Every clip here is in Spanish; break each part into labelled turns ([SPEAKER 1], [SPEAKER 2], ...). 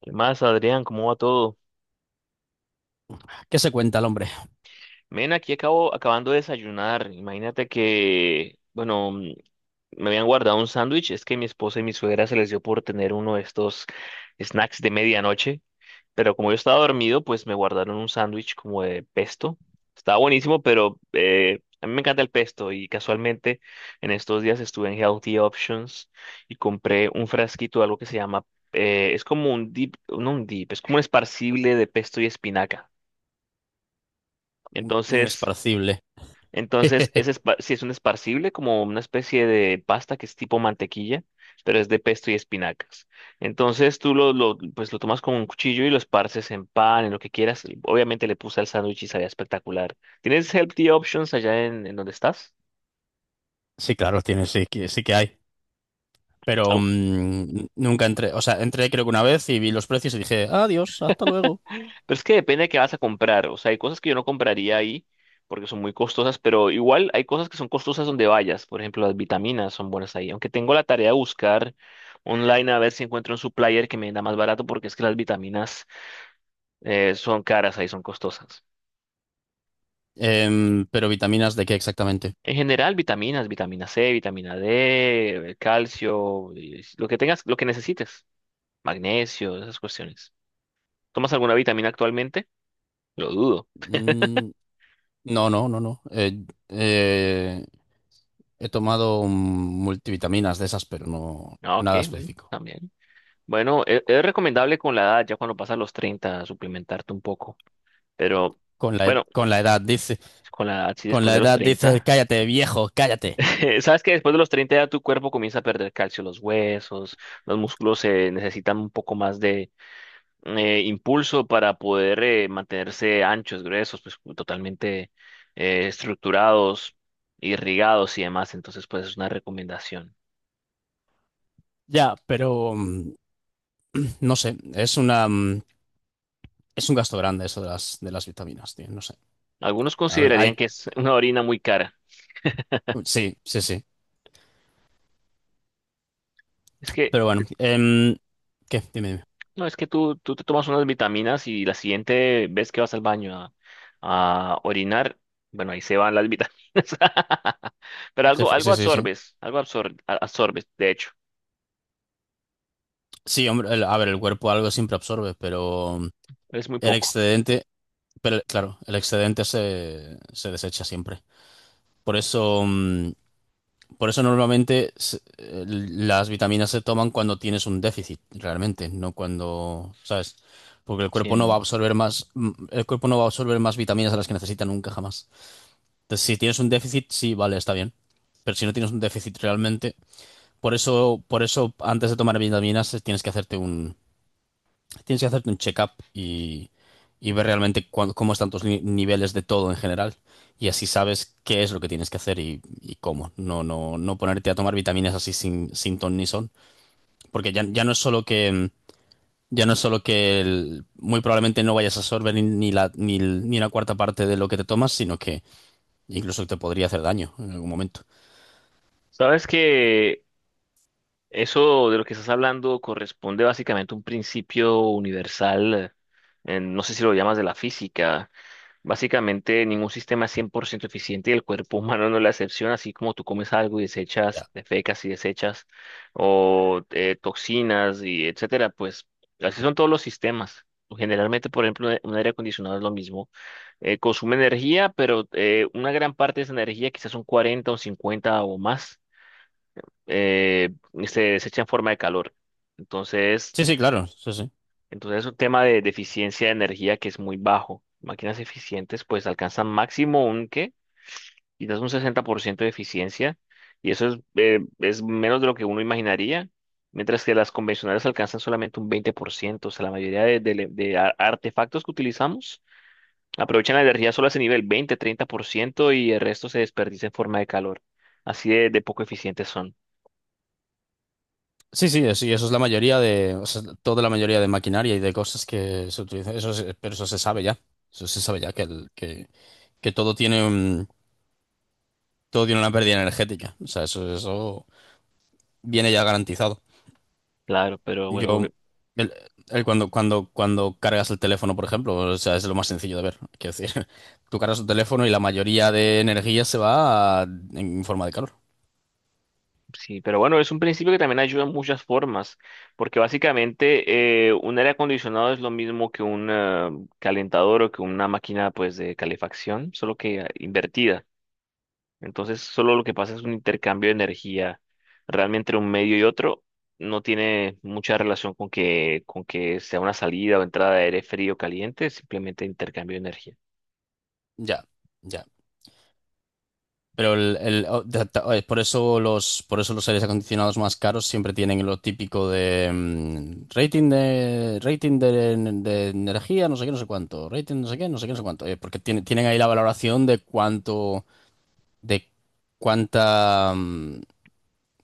[SPEAKER 1] ¿Qué más, Adrián? ¿Cómo va todo?
[SPEAKER 2] ¿Qué se cuenta el hombre?
[SPEAKER 1] Men, aquí acabo acabando de desayunar. Imagínate que, bueno, me habían guardado un sándwich. Es que mi esposa y mi suegra se les dio por tener uno de estos snacks de medianoche. Pero como yo estaba dormido, pues me guardaron un sándwich como de pesto. Estaba buenísimo, pero a mí me encanta el pesto. Y casualmente en estos días estuve en Healthy Options y compré un frasquito de algo que se llama, es como un dip, no un dip, es como un esparcible de pesto y espinaca.
[SPEAKER 2] Un
[SPEAKER 1] Entonces,
[SPEAKER 2] esparcible.
[SPEAKER 1] entonces, sí es un esparcible, como una especie de pasta que es tipo mantequilla, pero es de pesto y espinacas. Entonces tú lo, pues lo tomas con un cuchillo y lo esparces en pan, en lo que quieras. Obviamente le puse al sándwich y sabía espectacular. ¿Tienes healthy options allá en donde estás?
[SPEAKER 2] Sí, claro, tiene, sí, sí que hay. Pero nunca entré, o sea, entré creo que una vez y vi los precios y dije, adiós, hasta luego.
[SPEAKER 1] Pero es que depende de qué vas a comprar. O sea, hay cosas que yo no compraría ahí porque son muy costosas, pero igual hay cosas que son costosas donde vayas. Por ejemplo, las vitaminas son buenas ahí. Aunque tengo la tarea de buscar online a ver si encuentro un supplier que me da más barato porque es que las vitaminas son caras ahí, son costosas.
[SPEAKER 2] Pero vitaminas, ¿de qué exactamente?
[SPEAKER 1] En general, vitaminas, vitamina C, vitamina D, calcio, y lo que tengas, lo que necesites, magnesio, esas cuestiones. ¿Tomas alguna vitamina actualmente? Lo dudo.
[SPEAKER 2] Mm, no, no, no, no. He tomado multivitaminas de esas, pero no
[SPEAKER 1] Ah, ok,
[SPEAKER 2] nada
[SPEAKER 1] bueno,
[SPEAKER 2] específico.
[SPEAKER 1] también. Bueno, es recomendable con la edad, ya cuando pasas los 30 suplementarte un poco. Pero
[SPEAKER 2] Con la, ed-
[SPEAKER 1] bueno,
[SPEAKER 2] con la edad dice,
[SPEAKER 1] con la edad, sí,
[SPEAKER 2] con
[SPEAKER 1] después
[SPEAKER 2] la
[SPEAKER 1] de los
[SPEAKER 2] edad dice,
[SPEAKER 1] 30,
[SPEAKER 2] cállate, viejo, cállate.
[SPEAKER 1] Sabes que después de los 30 ya tu cuerpo comienza a perder calcio, los huesos, los músculos se necesitan un poco más de impulso para poder mantenerse anchos, gruesos, pues totalmente estructurados, irrigados y demás. Entonces, pues es una recomendación.
[SPEAKER 2] Ya, pero no sé, es un gasto grande eso de de las vitaminas, tío. No sé.
[SPEAKER 1] Algunos
[SPEAKER 2] A ver,
[SPEAKER 1] considerarían
[SPEAKER 2] hay.
[SPEAKER 1] que es una orina muy cara.
[SPEAKER 2] Sí, sí, sí.
[SPEAKER 1] Es que
[SPEAKER 2] Pero bueno. ¿Qué? Dime, dime.
[SPEAKER 1] no, es que tú te tomas unas vitaminas y la siguiente vez que vas al baño a orinar, bueno, ahí se van las vitaminas. Pero algo, algo
[SPEAKER 2] Sí, sí, sí.
[SPEAKER 1] absorbes, algo absor- a- absorbes, de hecho,
[SPEAKER 2] Sí, hombre, a ver, el cuerpo algo siempre absorbe, pero
[SPEAKER 1] es muy
[SPEAKER 2] el
[SPEAKER 1] poco.
[SPEAKER 2] excedente. Pero claro, el excedente se desecha siempre. Por eso, mm, por eso normalmente las vitaminas se toman cuando tienes un déficit, realmente, no cuando, ¿sabes? Porque el cuerpo no va a
[SPEAKER 1] Sí.
[SPEAKER 2] absorber más, el cuerpo no va a absorber más vitaminas a las que necesita nunca jamás. Entonces, si tienes un déficit, sí, vale, está bien. Pero si no tienes un déficit realmente, por eso antes de tomar vitaminas tienes que hacerte tienes que hacerte un check-up y ver realmente cómo están tus niveles de todo en general. Y así sabes qué es lo que tienes que hacer y cómo. No, no, no ponerte a tomar vitaminas así sin ton ni son. Porque ya no es solo que, ya no es solo que muy probablemente no vayas a absorber ni, ni la, ni, el- ni una cuarta parte de lo que te tomas, sino que incluso te podría hacer daño en algún momento.
[SPEAKER 1] Sabes que eso de lo que estás hablando corresponde básicamente a un principio universal, en- no sé si lo llamas de la física. Básicamente, ningún sistema es 100% eficiente y el cuerpo humano no es la excepción, así como tú comes algo y desechas, defecas y desechas, o toxinas y etcétera, pues así son todos los sistemas. Generalmente, por ejemplo, un aire acondicionado es lo mismo. Consume energía, pero una gran parte de esa energía, quizás un 40 o 50 o más, eh, se desecha en forma de calor. Entonces,
[SPEAKER 2] Sí, sí, claro. Sí, sí.
[SPEAKER 1] entonces, es un tema de eficiencia de energía que es muy bajo. Máquinas eficientes, pues alcanzan máximo un ¿qué? Quizás un 60% de eficiencia, y eso es menos de lo que uno imaginaría, mientras que las convencionales alcanzan solamente un 20%, o sea, la mayoría de artefactos que utilizamos aprovechan la energía solar a ese nivel, 20 30%, y el resto se desperdicia en forma de calor. Así de poco eficientes son,
[SPEAKER 2] Sí, sí, sí, eso es la mayoría de, o sea, toda la mayoría de maquinaria y de cosas que se utilizan. Pero eso se sabe ya. Eso se sabe ya que todo todo tiene una pérdida energética. O sea, eso viene ya garantizado.
[SPEAKER 1] claro, pero bueno,
[SPEAKER 2] Yo, el, el cuando cargas el teléfono, por ejemplo, o sea, es lo más sencillo de ver. Quiero decir, tú cargas tu teléfono y la mayoría de energía se va en forma de calor.
[SPEAKER 1] sí, pero bueno, es un principio que también ayuda en muchas formas, porque básicamente un aire acondicionado es lo mismo que un calentador o que una máquina pues de calefacción, solo que invertida. Entonces, solo lo que pasa es un intercambio de energía realmente entre un medio y otro. No tiene mucha relación con que, sea una salida o entrada de aire frío o caliente, simplemente intercambio de energía.
[SPEAKER 2] Ya, ya. Pero es por eso por eso los aires acondicionados más caros siempre tienen lo típico de rating de energía, no sé qué, no sé cuánto, rating no sé qué, no sé qué, no sé cuánto. Porque tienen ahí la valoración de cuánto, de cuánta, mm,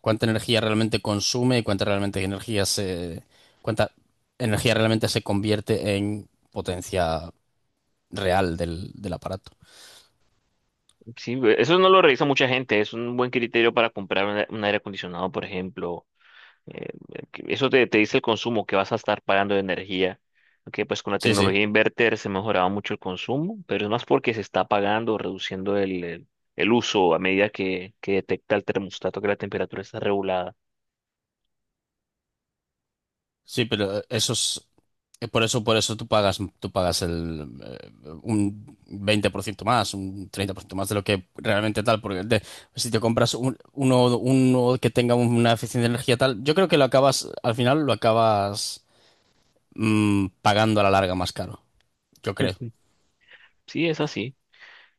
[SPEAKER 2] cuánta energía realmente consume y cuánta energía realmente se convierte en potencia real del aparato.
[SPEAKER 1] Sí, eso no lo revisa mucha gente, es un buen criterio para comprar un aire acondicionado, por ejemplo. Eh, que eso te, te dice el consumo que vas a estar pagando de energía. Aunque pues con la
[SPEAKER 2] Sí, sí.
[SPEAKER 1] tecnología inverter se mejoraba mucho el consumo, pero es más porque se está pagando, reduciendo el uso a medida que detecta el termostato que la temperatura está regulada.
[SPEAKER 2] Sí, pero eso es, por eso tú pagas un 20% más, un 30% más de lo que realmente tal, si te compras uno que tenga una eficiencia de energía tal, yo creo que al final lo acabas pagando a la larga más caro, yo creo.
[SPEAKER 1] Sí, es así.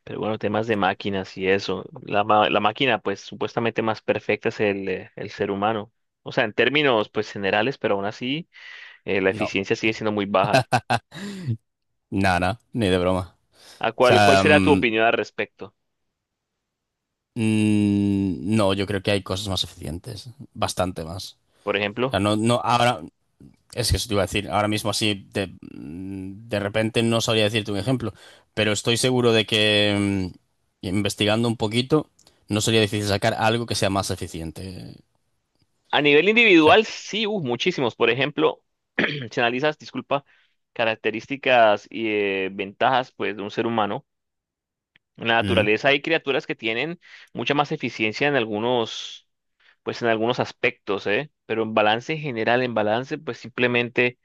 [SPEAKER 1] Pero bueno, temas de máquinas y eso. La máquina, pues supuestamente más perfecta es el ser humano. O sea, en términos pues generales, pero aún así la
[SPEAKER 2] No,
[SPEAKER 1] eficiencia sigue siendo muy baja.
[SPEAKER 2] nada, ni de broma.
[SPEAKER 1] ¿A
[SPEAKER 2] O
[SPEAKER 1] cuál
[SPEAKER 2] sea,
[SPEAKER 1] será tu opinión al respecto?
[SPEAKER 2] no, yo creo que hay cosas más eficientes, bastante más.
[SPEAKER 1] Por
[SPEAKER 2] O sea,
[SPEAKER 1] ejemplo.
[SPEAKER 2] no, no, ahora, es que eso te iba a decir, ahora mismo así de repente no sabría decirte un ejemplo, pero estoy seguro de que investigando un poquito no sería difícil sacar algo que sea más eficiente.
[SPEAKER 1] A nivel
[SPEAKER 2] O sea,
[SPEAKER 1] individual, sí, muchísimos. Por ejemplo, si analizas, disculpa, características y ventajas pues, de un ser humano, en la
[SPEAKER 2] mm,
[SPEAKER 1] naturaleza hay criaturas que tienen mucha más eficiencia en algunos, pues, en algunos aspectos, ¿eh? Pero en balance general, en balance, pues simplemente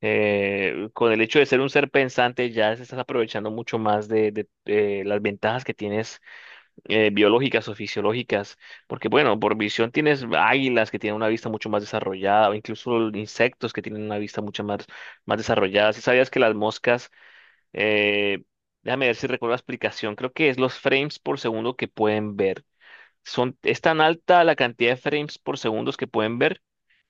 [SPEAKER 1] con el hecho de ser un ser pensante ya se estás aprovechando mucho más de, las ventajas que tienes biológicas o fisiológicas, porque bueno, por visión tienes águilas que tienen una vista mucho más desarrollada, o incluso insectos que tienen una vista mucho más, más desarrollada. Si sabías que las moscas, eh, déjame ver si recuerdo la explicación, creo que es los frames por segundo que pueden ver. Son, es tan alta la cantidad de frames por segundo que pueden ver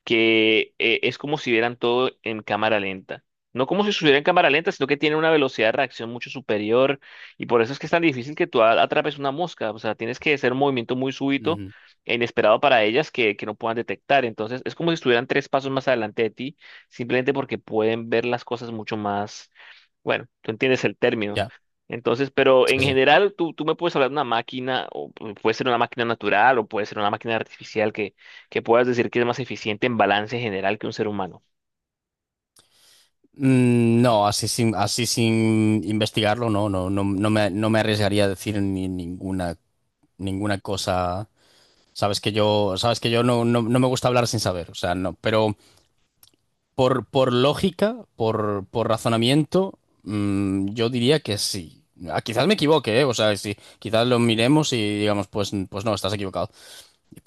[SPEAKER 1] que es como si vieran todo en cámara lenta. No como si estuviera en cámara lenta, sino que tiene una velocidad de reacción mucho superior y por eso es que es tan difícil que tú atrapes una mosca. O sea, tienes que hacer un movimiento muy súbito
[SPEAKER 2] ujú,
[SPEAKER 1] e inesperado para ellas que no puedan detectar. Entonces, es como si estuvieran tres pasos más adelante de ti, simplemente porque pueden ver las cosas mucho más. Bueno, tú entiendes el término.
[SPEAKER 2] ya,
[SPEAKER 1] Entonces, pero en
[SPEAKER 2] sí, sí.
[SPEAKER 1] general, tú me puedes hablar de una máquina, o puede ser una máquina natural, o puede ser una máquina artificial que puedas decir que es más eficiente en balance general que un ser humano.
[SPEAKER 2] No, así sin investigarlo, no me arriesgaría a decir ni ninguna cosa. Sabes que yo no, no me gusta hablar sin saber, o sea, no, pero por lógica, por razonamiento, yo diría que sí. Ah, quizás me equivoque, ¿eh? O sea, sí, quizás lo miremos y digamos, pues, pues no, estás equivocado.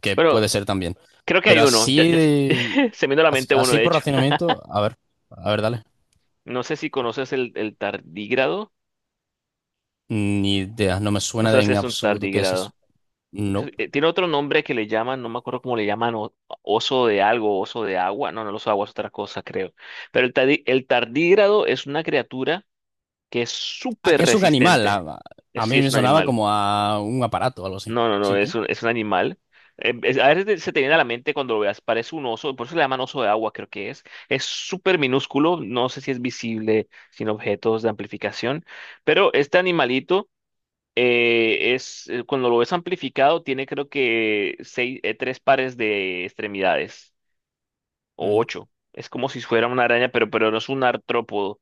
[SPEAKER 2] Que puede
[SPEAKER 1] Pero
[SPEAKER 2] ser también.
[SPEAKER 1] creo que
[SPEAKER 2] Pero
[SPEAKER 1] hay uno, ya,
[SPEAKER 2] así
[SPEAKER 1] ya
[SPEAKER 2] de-
[SPEAKER 1] se me vino a la mente uno,
[SPEAKER 2] Así
[SPEAKER 1] de
[SPEAKER 2] por
[SPEAKER 1] hecho.
[SPEAKER 2] razonamiento, a ver, dale.
[SPEAKER 1] No sé si conoces el tardígrado,
[SPEAKER 2] Ni idea, no me
[SPEAKER 1] no
[SPEAKER 2] suena
[SPEAKER 1] sé
[SPEAKER 2] de
[SPEAKER 1] si
[SPEAKER 2] en
[SPEAKER 1] es un
[SPEAKER 2] absoluto qué es eso.
[SPEAKER 1] tardígrado. Eso-
[SPEAKER 2] No.
[SPEAKER 1] tiene otro nombre que le llaman, no me acuerdo cómo le llaman, o- oso de algo, oso de agua, no, no, el oso de agua es otra cosa, creo. Pero el, el tardígrado es una criatura que es
[SPEAKER 2] Ah,
[SPEAKER 1] súper
[SPEAKER 2] que es un animal.
[SPEAKER 1] resistente.
[SPEAKER 2] A
[SPEAKER 1] Sí,
[SPEAKER 2] mí
[SPEAKER 1] es
[SPEAKER 2] me
[SPEAKER 1] un
[SPEAKER 2] sonaba
[SPEAKER 1] animal.
[SPEAKER 2] como a un aparato o algo así.
[SPEAKER 1] No, no, no,
[SPEAKER 2] Sí
[SPEAKER 1] es
[SPEAKER 2] que.
[SPEAKER 1] un, es un animal. Es- a veces se te viene a la mente cuando lo veas, parece un oso, por eso le llaman oso de agua, creo que es. Es súper minúsculo, no sé si es visible sin objetos de amplificación, pero este animalito es, cuando lo ves amplificado, tiene creo que seis, tres pares de extremidades o
[SPEAKER 2] Ujú.
[SPEAKER 1] ocho. Es como si fuera una araña, pero no es un artrópodo.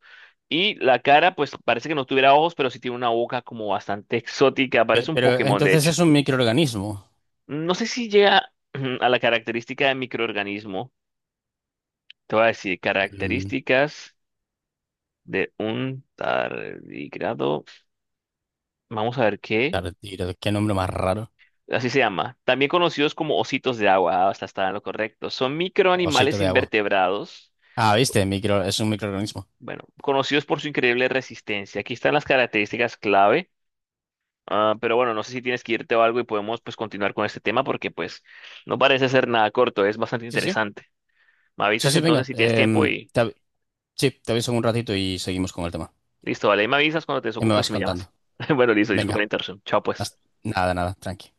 [SPEAKER 1] Y la cara, pues parece que no tuviera ojos, pero sí tiene una boca como bastante exótica. Parece un
[SPEAKER 2] Pero
[SPEAKER 1] Pokémon, de
[SPEAKER 2] entonces
[SPEAKER 1] hecho.
[SPEAKER 2] es un microorganismo.
[SPEAKER 1] No sé si llega a la característica de microorganismo. Te voy a decir
[SPEAKER 2] Mm,
[SPEAKER 1] características de un tardígrado. Vamos a ver qué.
[SPEAKER 2] Tardigrado, qué nombre más raro.
[SPEAKER 1] Así se llama. También conocidos como ositos de agua. Hasta está en lo correcto. Son
[SPEAKER 2] Osito
[SPEAKER 1] microanimales
[SPEAKER 2] de agua.
[SPEAKER 1] invertebrados.
[SPEAKER 2] Ah, viste, micro, es un microorganismo.
[SPEAKER 1] Bueno, conocidos por su increíble resistencia. Aquí están las características clave. Ah, pero bueno, no sé si tienes que irte o algo y podemos pues continuar con este tema porque pues no parece ser nada corto, es bastante
[SPEAKER 2] Sí, sí.
[SPEAKER 1] interesante. Me
[SPEAKER 2] Sí,
[SPEAKER 1] avisas
[SPEAKER 2] sí,
[SPEAKER 1] entonces
[SPEAKER 2] venga.
[SPEAKER 1] si tienes tiempo y
[SPEAKER 2] Sí, te aviso en un ratito y seguimos con el tema.
[SPEAKER 1] listo, vale, ahí me avisas cuando te
[SPEAKER 2] Ya me
[SPEAKER 1] desocupes
[SPEAKER 2] vas
[SPEAKER 1] y me llamas.
[SPEAKER 2] contando.
[SPEAKER 1] Bueno, listo, disculpa
[SPEAKER 2] Venga.
[SPEAKER 1] la interrupción. Chao pues.
[SPEAKER 2] hasta- nada, nada, tranqui.